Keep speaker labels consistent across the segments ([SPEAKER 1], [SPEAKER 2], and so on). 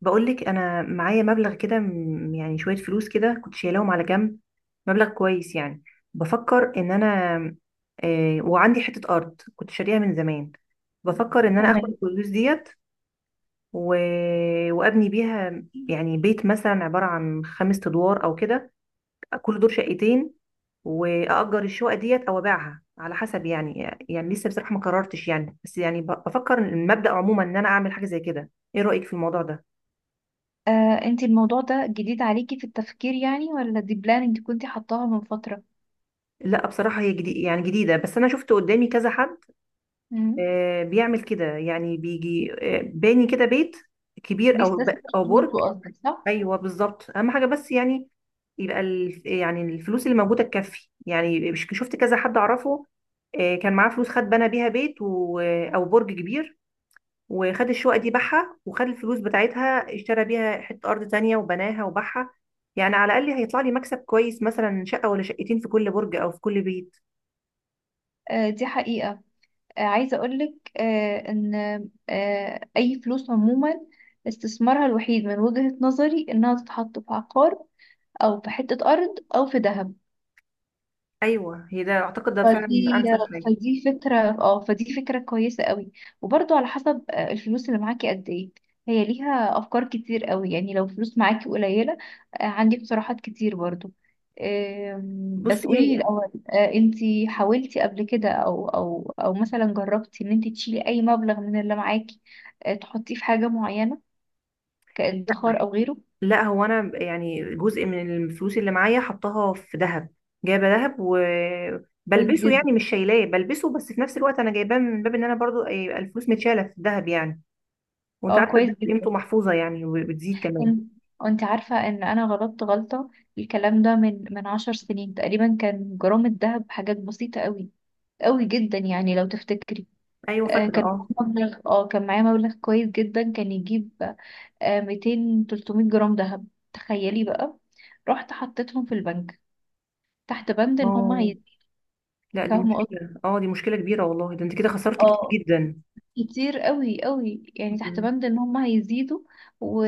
[SPEAKER 1] بقولك انا معايا مبلغ كده شويه فلوس كده كنت شايلاهم على جنب، مبلغ كويس يعني. بفكر ان انا، آه، وعندي حته ارض كنت شاريها من زمان. بفكر ان انا اخد
[SPEAKER 2] تمام.
[SPEAKER 1] الفلوس ديت و... وابني بيها يعني بيت مثلا عباره عن خمس ادوار او كده، كل دور شقتين، واجر الشقه ديت او ابيعها على حسب. يعني لسه بصراحه ما قررتش، يعني بس بفكر المبدا عموما ان انا اعمل حاجه زي كده. ايه رايك في الموضوع ده؟
[SPEAKER 2] انتي الموضوع ده جديد عليكي في التفكير يعني ولا دي بلان انتي كنتي حطاها من فترة؟
[SPEAKER 1] لا، بصراحة هي جديد يعني جديدة، بس أنا شفت قدامي كذا حد.
[SPEAKER 2] مم.
[SPEAKER 1] بيعمل كده يعني بيجي، باني كده بيت كبير
[SPEAKER 2] بيستثمر
[SPEAKER 1] أو برج.
[SPEAKER 2] فلوسه قصدك صح؟
[SPEAKER 1] أيوه بالظبط، أهم حاجة بس يعني يبقى يعني الفلوس اللي موجودة تكفي يعني، شفت كذا حد أعرفه، كان معاه فلوس، خد بنى بيها بيت أو برج كبير، وخد الشقة دي باعها وخد الفلوس بتاعتها اشترى بيها حتة أرض تانية وبناها وباعها. يعني على الأقل هيطلع لي مكسب كويس، مثلا شقة ولا شقتين في كل برج أو في كل بيت.
[SPEAKER 2] دي حقيقة. عايزة أقولك إن أي فلوس عموما استثمارها الوحيد من وجهة نظري إنها تتحط في عقار أو في حتة أرض أو في ذهب.
[SPEAKER 1] ايوه، هي ده، اعتقد ده فعلا
[SPEAKER 2] فدي
[SPEAKER 1] انسب حاجه.
[SPEAKER 2] فدي فكرة كويسة قوي. وبرضو على حسب الفلوس اللي معاكي قد ايه. هي ليها افكار كتير قوي، يعني لو فلوس معاكي قليلة عندي اقتراحات كتير برضو. بس
[SPEAKER 1] بصي،
[SPEAKER 2] قوليلي
[SPEAKER 1] هي
[SPEAKER 2] الاول، انتي حاولتي قبل كده او مثلا جربتي ان انتي تشيلي اي مبلغ من اللي معاكي تحطيه في حاجة معينة كادخار او غيره؟
[SPEAKER 1] لا، هو انا يعني جزء من الفلوس اللي معايا حطاها في ذهب. جايبه ذهب
[SPEAKER 2] كويس
[SPEAKER 1] وبلبسه،
[SPEAKER 2] جدا.
[SPEAKER 1] يعني مش شايلاه بلبسه، بس في نفس الوقت انا جايباه من باب ان انا برضو يبقى الفلوس متشاله في الذهب يعني. وانت
[SPEAKER 2] اه
[SPEAKER 1] عارفه
[SPEAKER 2] كويس
[SPEAKER 1] الذهب قيمته
[SPEAKER 2] جدا.
[SPEAKER 1] محفوظه يعني، وبتزيد كمان.
[SPEAKER 2] أم- وانت عارفة ان انا غلطت غلطة. الكلام ده من 10 سنين تقريبا كان جرام الذهب حاجات بسيطة قوي، قوي جدا يعني لو تفتكري.
[SPEAKER 1] ايوه
[SPEAKER 2] آه
[SPEAKER 1] فاكره
[SPEAKER 2] كان
[SPEAKER 1] اه.
[SPEAKER 2] كان معايا مبلغ كويس جدا كان يجيب 200 300 جرام ذهب. تخيلي بقى، رحت حطيتهم في البنك تحت بند ان هم
[SPEAKER 1] اه
[SPEAKER 2] هي...
[SPEAKER 1] لا، دي
[SPEAKER 2] فاهمة قصدي؟
[SPEAKER 1] مشكله، اه دي مشكله كبيره والله، ده انت كده خسرت كتير
[SPEAKER 2] اه،
[SPEAKER 1] جدا.
[SPEAKER 2] كتير قوي قوي، يعني تحت
[SPEAKER 1] مم.
[SPEAKER 2] بند ان هم هيزيدوا و...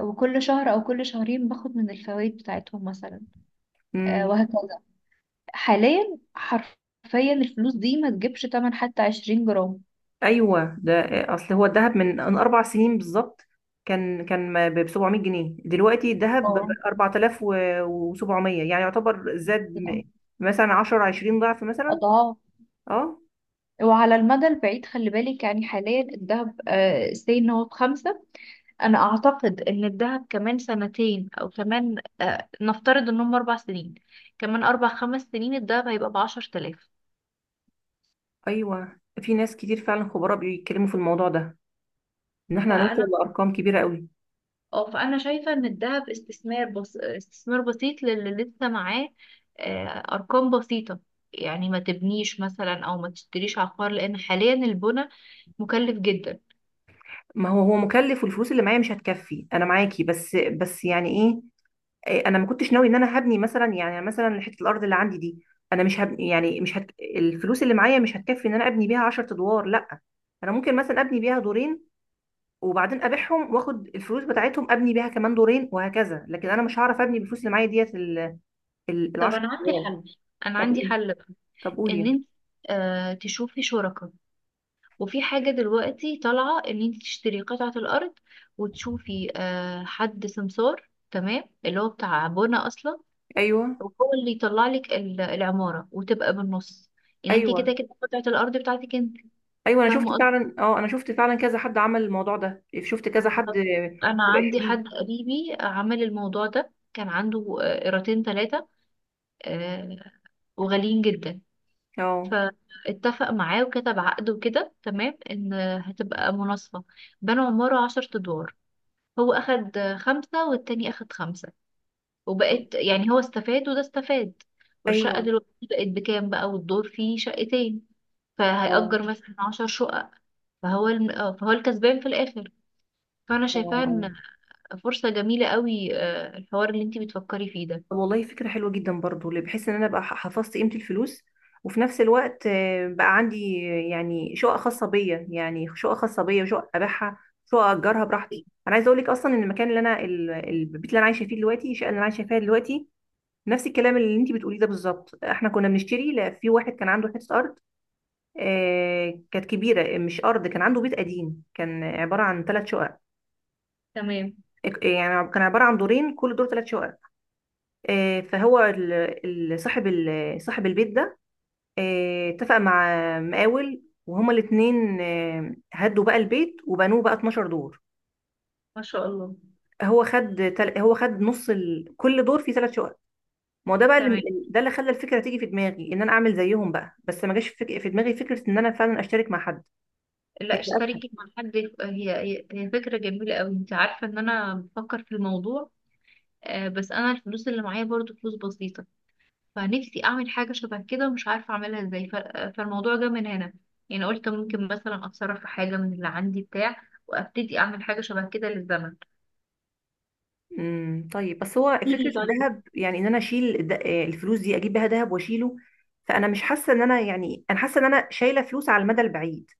[SPEAKER 2] وكل شهر او كل شهرين باخد من الفوائد بتاعتهم مثلا
[SPEAKER 1] مم.
[SPEAKER 2] وهكذا. حاليا حرفيا الفلوس دي ما تجيبش تمن حتى 20 جرام.
[SPEAKER 1] ايوه ده. اصل هو الذهب من اربع سنين بالظبط كان ب 700 جنيه، دلوقتي الذهب ب
[SPEAKER 2] اه،
[SPEAKER 1] 4700، يعني يعتبر زاد،
[SPEAKER 2] يعني
[SPEAKER 1] مثلا 10 20 ضعف مثلا.
[SPEAKER 2] اضعاف.
[SPEAKER 1] اه.
[SPEAKER 2] وعلى المدى البعيد خلي بالك، يعني حاليا الذهب سي ان هو بخمسة. انا اعتقد ان الذهب كمان سنتين او كمان نفترض انهم 4 سنين، كمان اربع خمس سنين الذهب هيبقى ب 10 آلاف.
[SPEAKER 1] ايوه، في ناس كتير فعلا خبراء بيتكلموا في الموضوع ده، ان احنا هنوصل
[SPEAKER 2] فانا
[SPEAKER 1] لارقام كبيره قوي.
[SPEAKER 2] اه فانا شايفه ان الذهب استثمار، بس استثمار بسيط للي لسه معاه ارقام بسيطه. يعني ما تبنيش مثلا او ما تشتريش عقار، لان حاليا البنى مكلف جدا.
[SPEAKER 1] ما هو هو مكلف، والفلوس اللي معايا مش هتكفي. انا معاكي، بس بس يعني ايه، إيه، انا ما كنتش ناوي ان انا هبني مثلا، يعني مثلا حته الارض اللي عندي دي انا مش هبني، يعني مش هت... الفلوس اللي معايا مش هتكفي ان انا ابني بيها 10 ادوار لا. انا ممكن مثلا ابني بيها دورين، وبعدين ابيعهم واخد الفلوس بتاعتهم ابني بيها كمان دورين وهكذا، لكن انا مش هعرف ابني بالفلوس اللي معايا ديت
[SPEAKER 2] طب
[SPEAKER 1] العشر
[SPEAKER 2] انا عندي
[SPEAKER 1] ادوار.
[SPEAKER 2] حل، انا
[SPEAKER 1] طب
[SPEAKER 2] عندي
[SPEAKER 1] قول-
[SPEAKER 2] حل بقى.
[SPEAKER 1] طب قولي
[SPEAKER 2] ان
[SPEAKER 1] يعني.
[SPEAKER 2] انت تشوفي شركاء. وفي حاجه دلوقتي طالعه ان انت تشتري قطعه الارض وتشوفي حد سمسار، تمام، اللي هو بتاع بنى اصلا
[SPEAKER 1] ايوه،
[SPEAKER 2] وهو اللي يطلع لك العمارة وتبقى بالنص. يعني انت
[SPEAKER 1] ايوه.
[SPEAKER 2] كده كده قطعة الأرض بتاعتك انت.
[SPEAKER 1] ايوه انا
[SPEAKER 2] فاهمة
[SPEAKER 1] شفت
[SPEAKER 2] قصدي.
[SPEAKER 1] فعلا، اه انا شفت فعلا كذا حد عمل الموضوع ده، شفت كذا حد،
[SPEAKER 2] بالظبط. أنا
[SPEAKER 1] يبقى
[SPEAKER 2] عندي حد
[SPEAKER 1] شريك.
[SPEAKER 2] قريبي عمل الموضوع ده. كان عنده قيراطين ثلاثة وغاليين جدا.
[SPEAKER 1] اه.
[SPEAKER 2] فاتفق معاه وكتب عقد وكده تمام ان هتبقى مناصفة. بنوا عمارة 10 أدوار. هو أخد خمسة والتاني أخد خمسة. وبقت يعني هو استفاد وده استفاد. والشقة
[SPEAKER 1] ايوه.
[SPEAKER 2] دلوقتي بقت بكام بقى، والدور فيه شقتين.
[SPEAKER 1] اه.
[SPEAKER 2] فهيأجر مثلا 10 شقق. فهو الم... آه، فهو الكسبان في الآخر. فأنا
[SPEAKER 1] اه.
[SPEAKER 2] شايفاها
[SPEAKER 1] آه.
[SPEAKER 2] إن فرصة جميلة قوي الحوار اللي انتي بتفكري فيه ده.
[SPEAKER 1] طب والله فكرة حلوة جدا برضو، اللي بحس ان انا بقى حفظت قيمة الفلوس، وفي نفس الوقت بقى عندي، يعني شقة خاصة بيا، يعني شقة خاصة بيا وشقة ابيعها، شقة اجرها براحتي. انا عايزة اقول لك اصلا ان المكان اللي البيت اللي انا عايشة فيه دلوقتي، الشقة اللي انا عايشة فيها دلوقتي نفس الكلام اللي انت بتقوليه ده بالظبط. احنا كنا بنشتري، لا، في واحد كان عنده حتة ارض، كانت كبيرة، مش ارض، كان عنده بيت قديم كان عبارة عن ثلاث شقق،
[SPEAKER 2] تمام.
[SPEAKER 1] يعني كان عبارة عن دورين كل دور ثلاث شقق، آه، فهو ال- صاحب صاحب البيت ده اتفق مع مقاول، وهما الاتنين هدوا بقى البيت وبنوه بقى 12 دور.
[SPEAKER 2] ما شاء الله.
[SPEAKER 1] هو خد نص كل دور فيه ثلاث شقق. ما هو ده بقى اللي،
[SPEAKER 2] تمام.
[SPEAKER 1] ده اللي خلى الفكره تيجي في دماغي ان انا اعمل زيهم بقى، بس ما جاش في دماغي فكره ان انا فعلا اشترك مع حد،
[SPEAKER 2] لا،
[SPEAKER 1] هيبقى اسهل.
[SPEAKER 2] اشتركي مع حد. هي فكرة جميلة قوي. انت عارفة ان انا بفكر في الموضوع بس انا الفلوس اللي معايا برضو فلوس بسيطة. فنفسي اعمل حاجة شبه كده ومش عارفة اعملها ازاي فالموضوع جه من هنا. يعني قلت ممكن مثلا اتصرف في حاجة من اللي عندي بتاع وابتدي اعمل حاجة شبه كده للزمن.
[SPEAKER 1] طيب، بس هو فكره
[SPEAKER 2] ليه طيب؟
[SPEAKER 1] الذهب يعني ان انا الفلوس دي اجيب بيها ذهب واشيله، فانا مش حاسه ان انا يعني، انا حاسه ان انا شايله فلوس على المدى البعيد،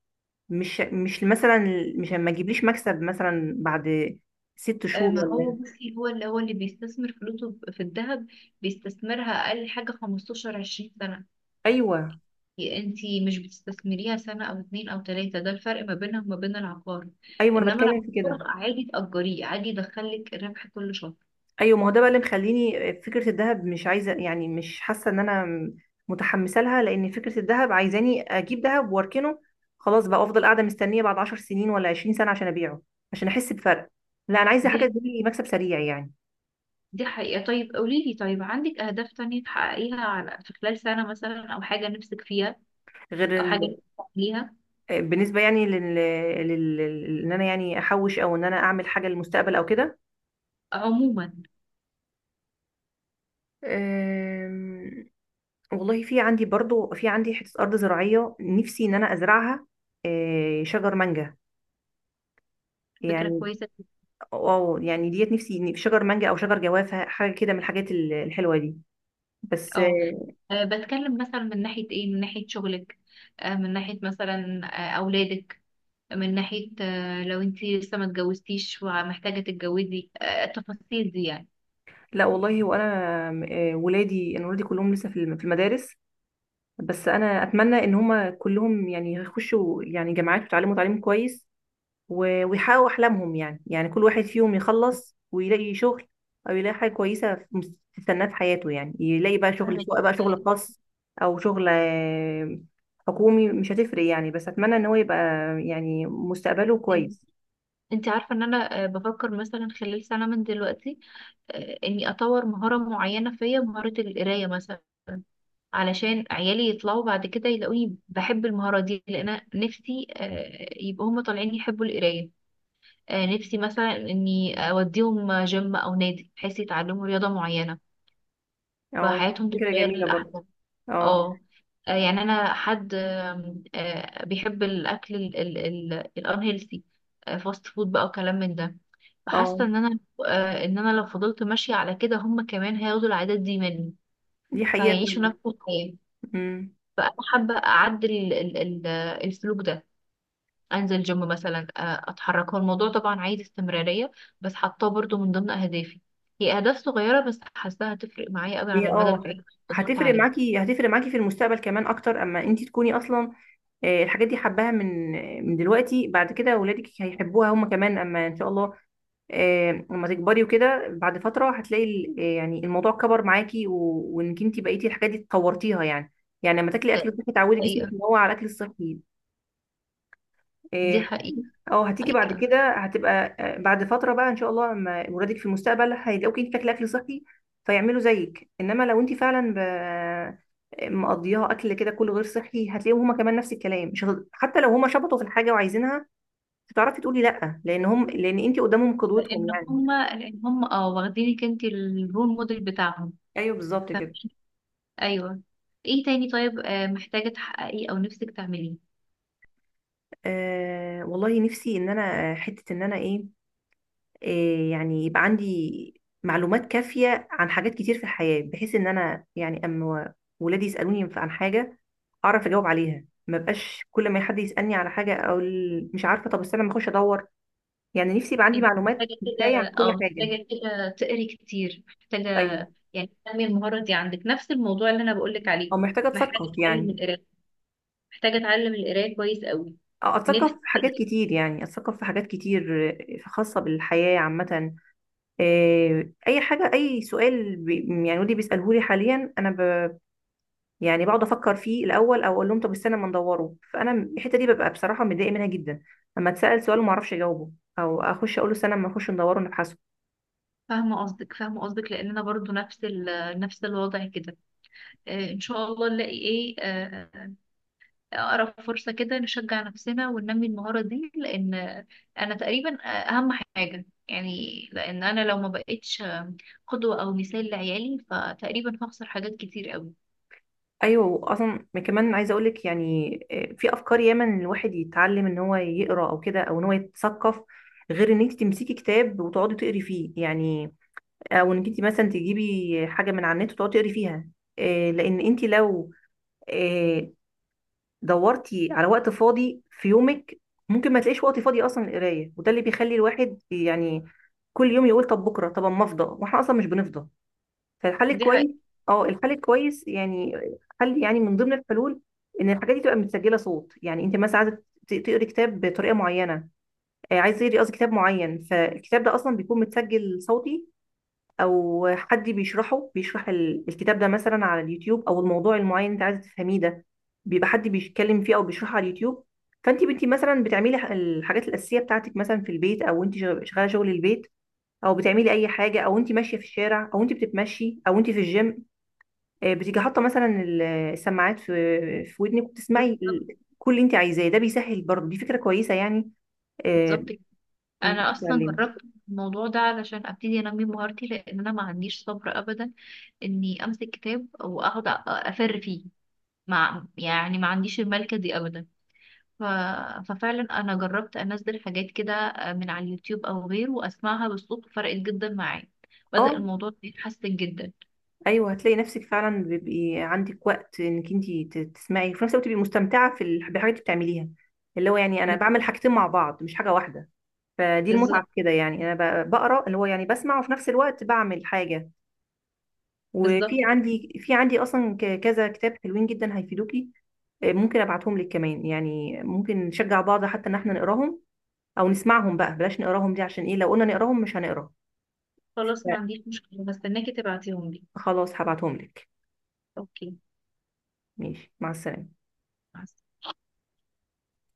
[SPEAKER 1] مش مثلا، مش ما تجيبليش مكسب مثلا بعد ست شهور
[SPEAKER 2] ما هو
[SPEAKER 1] ولا.
[SPEAKER 2] بصي هو اللي بيستثمر فلوسه في الذهب بيستثمرها أقل حاجة 15 20 سنة.
[SPEAKER 1] ايوه.
[SPEAKER 2] انتي مش بتستثمريها سنة أو اتنين أو تلاتة. ده الفرق ما بينها وما بين العقار.
[SPEAKER 1] ايوه انا
[SPEAKER 2] إنما
[SPEAKER 1] بتكلم في
[SPEAKER 2] العقار
[SPEAKER 1] كده.
[SPEAKER 2] عادي تأجريه، عادي يدخلك ربح كل شهر.
[SPEAKER 1] ايوه، ما هو ده بقى اللي مخليني فكره الذهب مش عايزه، يعني مش حاسه ان انا متحمسه لها، لان فكره الذهب عايزاني اجيب ذهب واركنه، خلاص بقى افضل قاعده مستنيه بعد 10 سنين ولا 20 سنه عشان ابيعه، عشان احس بفرق. لا انا عايزه
[SPEAKER 2] دي
[SPEAKER 1] حاجه تجيب لي مكسب سريع يعني.
[SPEAKER 2] دي حقيقة. طيب قوليلي، طيب عندك أهداف تانية تحققيها على في خلال سنة مثلا أو حاجة نفسك فيها
[SPEAKER 1] غير
[SPEAKER 2] أو حاجة
[SPEAKER 1] ال...
[SPEAKER 2] نفسك تعمليها
[SPEAKER 1] بالنسبه يعني ان انا يعني احوش او ان انا اعمل حاجه للمستقبل او كده.
[SPEAKER 2] عموما؟
[SPEAKER 1] أم، والله في عندي برضو، في عندي حتة أرض زراعية نفسي إن أنا أزرعها، شجر مانجا
[SPEAKER 2] فكرة
[SPEAKER 1] يعني،
[SPEAKER 2] كويسة.
[SPEAKER 1] أو يعني ديت نفسي إن- شجر مانجا أو شجر جوافة، حاجة كده من الحاجات الحلوة دي، بس
[SPEAKER 2] اه، بتكلم مثلا من ناحية ايه، من ناحية شغلك، من ناحية مثلا أولادك، من ناحية لو انتي لسه ما اتجوزتيش ومحتاجة تتجوزي التفاصيل دي يعني.
[SPEAKER 1] لا والله. وأنا ولادي، أنا ولادي كلهم لسه في المدارس، بس أنا أتمنى إن هما كلهم يعني يخشوا يعني جامعات ويتعلموا تعليم كويس، ويحققوا أحلامهم، يعني يعني كل واحد فيهم يخلص ويلاقي شغل، أو يلاقي حاجة كويسة تستناه في حياته، يعني يلاقي بقى شغل،
[SPEAKER 2] فاهمك.
[SPEAKER 1] سواء بقى شغل
[SPEAKER 2] آه،
[SPEAKER 1] خاص أو شغل حكومي، مش هتفرق يعني، بس أتمنى إن هو يبقى يعني مستقبله
[SPEAKER 2] إن-
[SPEAKER 1] كويس.
[SPEAKER 2] انتي عارفة ان انا بفكر مثلا خلال سنة من دلوقتي اني اطور مهارة معينة فيا مهارة القراية مثلا، علشان عيالي يطلعوا بعد كده يلاقوني بحب المهارة دي، لأن أنا نفسي يبقوا هما طالعين يحبوا القراية. نفسي مثلا اني اوديهم جيم او نادي بحيث يتعلموا رياضة معينة
[SPEAKER 1] اه
[SPEAKER 2] فحياتهم
[SPEAKER 1] فكرة
[SPEAKER 2] تتغير
[SPEAKER 1] جميلة برضه.
[SPEAKER 2] للأحسن.
[SPEAKER 1] اه.
[SPEAKER 2] اه. يعني انا حد آم، آه، بيحب الاكل الانهيلثي، فاست فود بقى وكلام من ده. فحاسه
[SPEAKER 1] اه
[SPEAKER 2] ان انا ان انا لو فضلت ماشيه على كده هم كمان هياخدوا العادات دي مني
[SPEAKER 1] دي حقيقة
[SPEAKER 2] فهيعيشوا
[SPEAKER 1] فعلا.
[SPEAKER 2] نفس الحياه.
[SPEAKER 1] أمم.
[SPEAKER 2] فانا حابه اعدل السلوك ده. انزل جيم مثلا، اتحرك، هو الموضوع طبعا عايز استمرارية، بس حاطاه برضو من ضمن اهدافي. هي اهداف صغيرة بس حاساها هتفرق معايا قوي على
[SPEAKER 1] هي
[SPEAKER 2] المدى
[SPEAKER 1] اه
[SPEAKER 2] البعيد. اظبط
[SPEAKER 1] هتفرق
[SPEAKER 2] عليها.
[SPEAKER 1] معاكي، هتفرق معاكي في المستقبل كمان أكتر أما أنتي تكوني أصلا الحاجات دي حباها من دلوقتي. بعد كده ولادك هيحبوها هما كمان، اما ان شاء الله لما تكبري وكده بعد فترة هتلاقي يعني الموضوع كبر معاكي، وانك انت بقيتي الحاجات دي اتطورتيها يعني. يعني لما تاكلي اكل
[SPEAKER 2] آه،
[SPEAKER 1] صحي تعودي جسمك
[SPEAKER 2] حقيقة.
[SPEAKER 1] ان هو على الاكل الصحي،
[SPEAKER 2] دي
[SPEAKER 1] آه،
[SPEAKER 2] حقيقة.
[SPEAKER 1] او هتيجي بعد
[SPEAKER 2] حقيقة.
[SPEAKER 1] كده هتبقى بعد فترة بقى ان شاء الله لما ولادك في المستقبل هيلاقوكي انت بتاكلي اكل صحي فيعملوا زيك. انما لو انت فعلا ب... آه، مقضياها اكل كده كله غير صحي، هتلاقيهم هما كمان نفس الكلام، مش هت... حتى لو هما شبطوا في الحاجة وعايزينها مش هتعرفي تقولي لا، لان هم، لان انت قدامهم
[SPEAKER 2] لان
[SPEAKER 1] قدوتهم يعني.
[SPEAKER 2] هم لان هم واخدينك انت الرول موديل بتاعهم.
[SPEAKER 1] ايوه بالظبط
[SPEAKER 2] ف-
[SPEAKER 1] كده.
[SPEAKER 2] ايوه. ايه تاني طيب، محتاجة تحققيه او نفسك تعمليه؟
[SPEAKER 1] آه والله نفسي ان انا، حته ان انا ايه، آه يعني يبقى عندي معلومات كافيه عن حاجات كتير في الحياه، بحيث ان انا يعني اما ولادي يسالوني عن حاجه اعرف اجاوب عليها، ما بقاش كل ما حد يسالني على حاجه مش عارفه طب استنى ما اخش ادور، يعني نفسي يبقى عندي
[SPEAKER 2] انت محتاجة
[SPEAKER 1] معلومات كفايه عن
[SPEAKER 2] كده
[SPEAKER 1] كل
[SPEAKER 2] اه
[SPEAKER 1] حاجه.
[SPEAKER 2] محتاجة كده تقري كتير، محتاجة
[SPEAKER 1] ايوه
[SPEAKER 2] يعني تنمي المهارة دي عندك، نفس الموضوع اللي انا بقولك عليه.
[SPEAKER 1] او محتاجه
[SPEAKER 2] محتاجة
[SPEAKER 1] اتثقف
[SPEAKER 2] تتعلم
[SPEAKER 1] يعني.
[SPEAKER 2] القراية، محتاجة أتعلم القراية كويس قوي.
[SPEAKER 1] أه، اتثقف في
[SPEAKER 2] نفسي
[SPEAKER 1] حاجات
[SPEAKER 2] حقيقي.
[SPEAKER 1] كتير يعني، اتثقف في حاجات كتير خاصه بالحياه عامه، اي حاجه اي سؤال بي يعني ودي بيساله لي حاليا انا ب، يعني بقعد افكر فيه الاول او اقول لهم طب استنى ما ندوره، فانا الحته دي ببقى بصراحه متضايقه منها جدا اما اتسال سؤال وما اعرفش اجاوبه، او اخش اقول له استنى ما نخش ندوره نبحثه.
[SPEAKER 2] فاهمة قصدك، لأن أنا برضو نفس نفس الوضع كده. إن شاء الله نلاقي إيه أقرب فرصة كده نشجع نفسنا وننمي المهارة دي، لأن أنا تقريبا أهم حاجة يعني، لأن أنا لو ما بقتش قدوة أو مثال لعيالي فتقريبا هخسر حاجات كتير قوي.
[SPEAKER 1] ايوه اصلا كمان عايزه اقول لك يعني في افكار ياما ان الواحد يتعلم ان هو يقرا او كده، او ان هو يتثقف غير ان انت تمسكي كتاب وتقعدي تقري فيه يعني، او ان انت مثلا تجيبي حاجه من على النت وتقعدي تقري فيها. لان انت لو آه، دورتي على وقت فاضي في يومك ممكن ما تلاقيش وقت فاضي اصلا للقرايه، وده اللي بيخلي الواحد يعني كل يوم يقول طب بكره، طب اما افضى، واحنا اصلا مش بنفضى. فالحل
[SPEAKER 2] دي
[SPEAKER 1] الكويس،
[SPEAKER 2] حقيقة.
[SPEAKER 1] اه الحل الكويس يعني حل يعني من ضمن الحلول، ان الحاجات دي تبقى متسجله صوت. يعني انت مثلا عايزه تقري كتاب بطريقه معينه، عايزه تقري قصدي كتاب معين، فالكتاب ده اصلا بيكون متسجل صوتي، او حد بيشرحه بيشرح الكتاب ده مثلا على اليوتيوب، او الموضوع المعين انت عايزه تفهميه ده بيبقى حد بيتكلم فيه او بيشرحه على اليوتيوب. فانت بنتي مثلا بتعملي الحاجات الاساسيه بتاعتك مثلا في البيت، او انت شغاله شغل البيت، او بتعملي اي حاجه، او انت ماشيه في الشارع، او انت بتتمشي، او انت في الجيم، بتيجي حاطه مثلا السماعات في ودنك، وبتسمعي
[SPEAKER 2] بالظبط.
[SPEAKER 1] كل اللي انت عايزاه ده، بيسهل برضه دي فكره كويسه يعني، آه،
[SPEAKER 2] بالظبط.
[SPEAKER 1] إنك
[SPEAKER 2] انا اصلا
[SPEAKER 1] تتعلمي.
[SPEAKER 2] جربت الموضوع ده علشان ابتدي انمي مهارتي، لان انا ما عنديش صبر ابدا اني امسك كتاب واقعد افر فيه، مع يعني ما عنديش الملكه دي ابدا. ف... ففعلا انا جربت انزل حاجات كده من على اليوتيوب او غيره واسمعها بالصوت. فرقت جدا معايا، بدأ
[SPEAKER 1] اه
[SPEAKER 2] الموضوع يتحسن جدا.
[SPEAKER 1] ايوه، هتلاقي نفسك فعلا بيبقي عندك وقت انك انت تسمعي وفي نفس الوقت تبقي مستمتعه بالحاجات اللي بتعمليها، اللي هو يعني انا
[SPEAKER 2] ب-
[SPEAKER 1] بعمل حاجتين مع بعض مش حاجه واحده. فدي المتعه
[SPEAKER 2] بالظبط.
[SPEAKER 1] في كده يعني، بقرا، اللي هو يعني بسمع وفي نفس الوقت بعمل حاجه. وفي
[SPEAKER 2] بالظبط كده.
[SPEAKER 1] عندي في عندي اصلا كذا كتاب حلوين جدا هيفيدوكي، ممكن ابعتهم لك كمان، يعني ممكن نشجع بعض حتى ان احنا نقراهم، او نسمعهم بقى بلاش نقراهم، دي عشان ايه لو قلنا نقراهم مش هنقرا.
[SPEAKER 2] خلاص، ما
[SPEAKER 1] لا،
[SPEAKER 2] عنديش مشكلة، بستناكي تبعتيهم لي.
[SPEAKER 1] خلاص هبعتهم لك.
[SPEAKER 2] اوكي.
[SPEAKER 1] ماشي، مع السلامه.
[SPEAKER 2] مع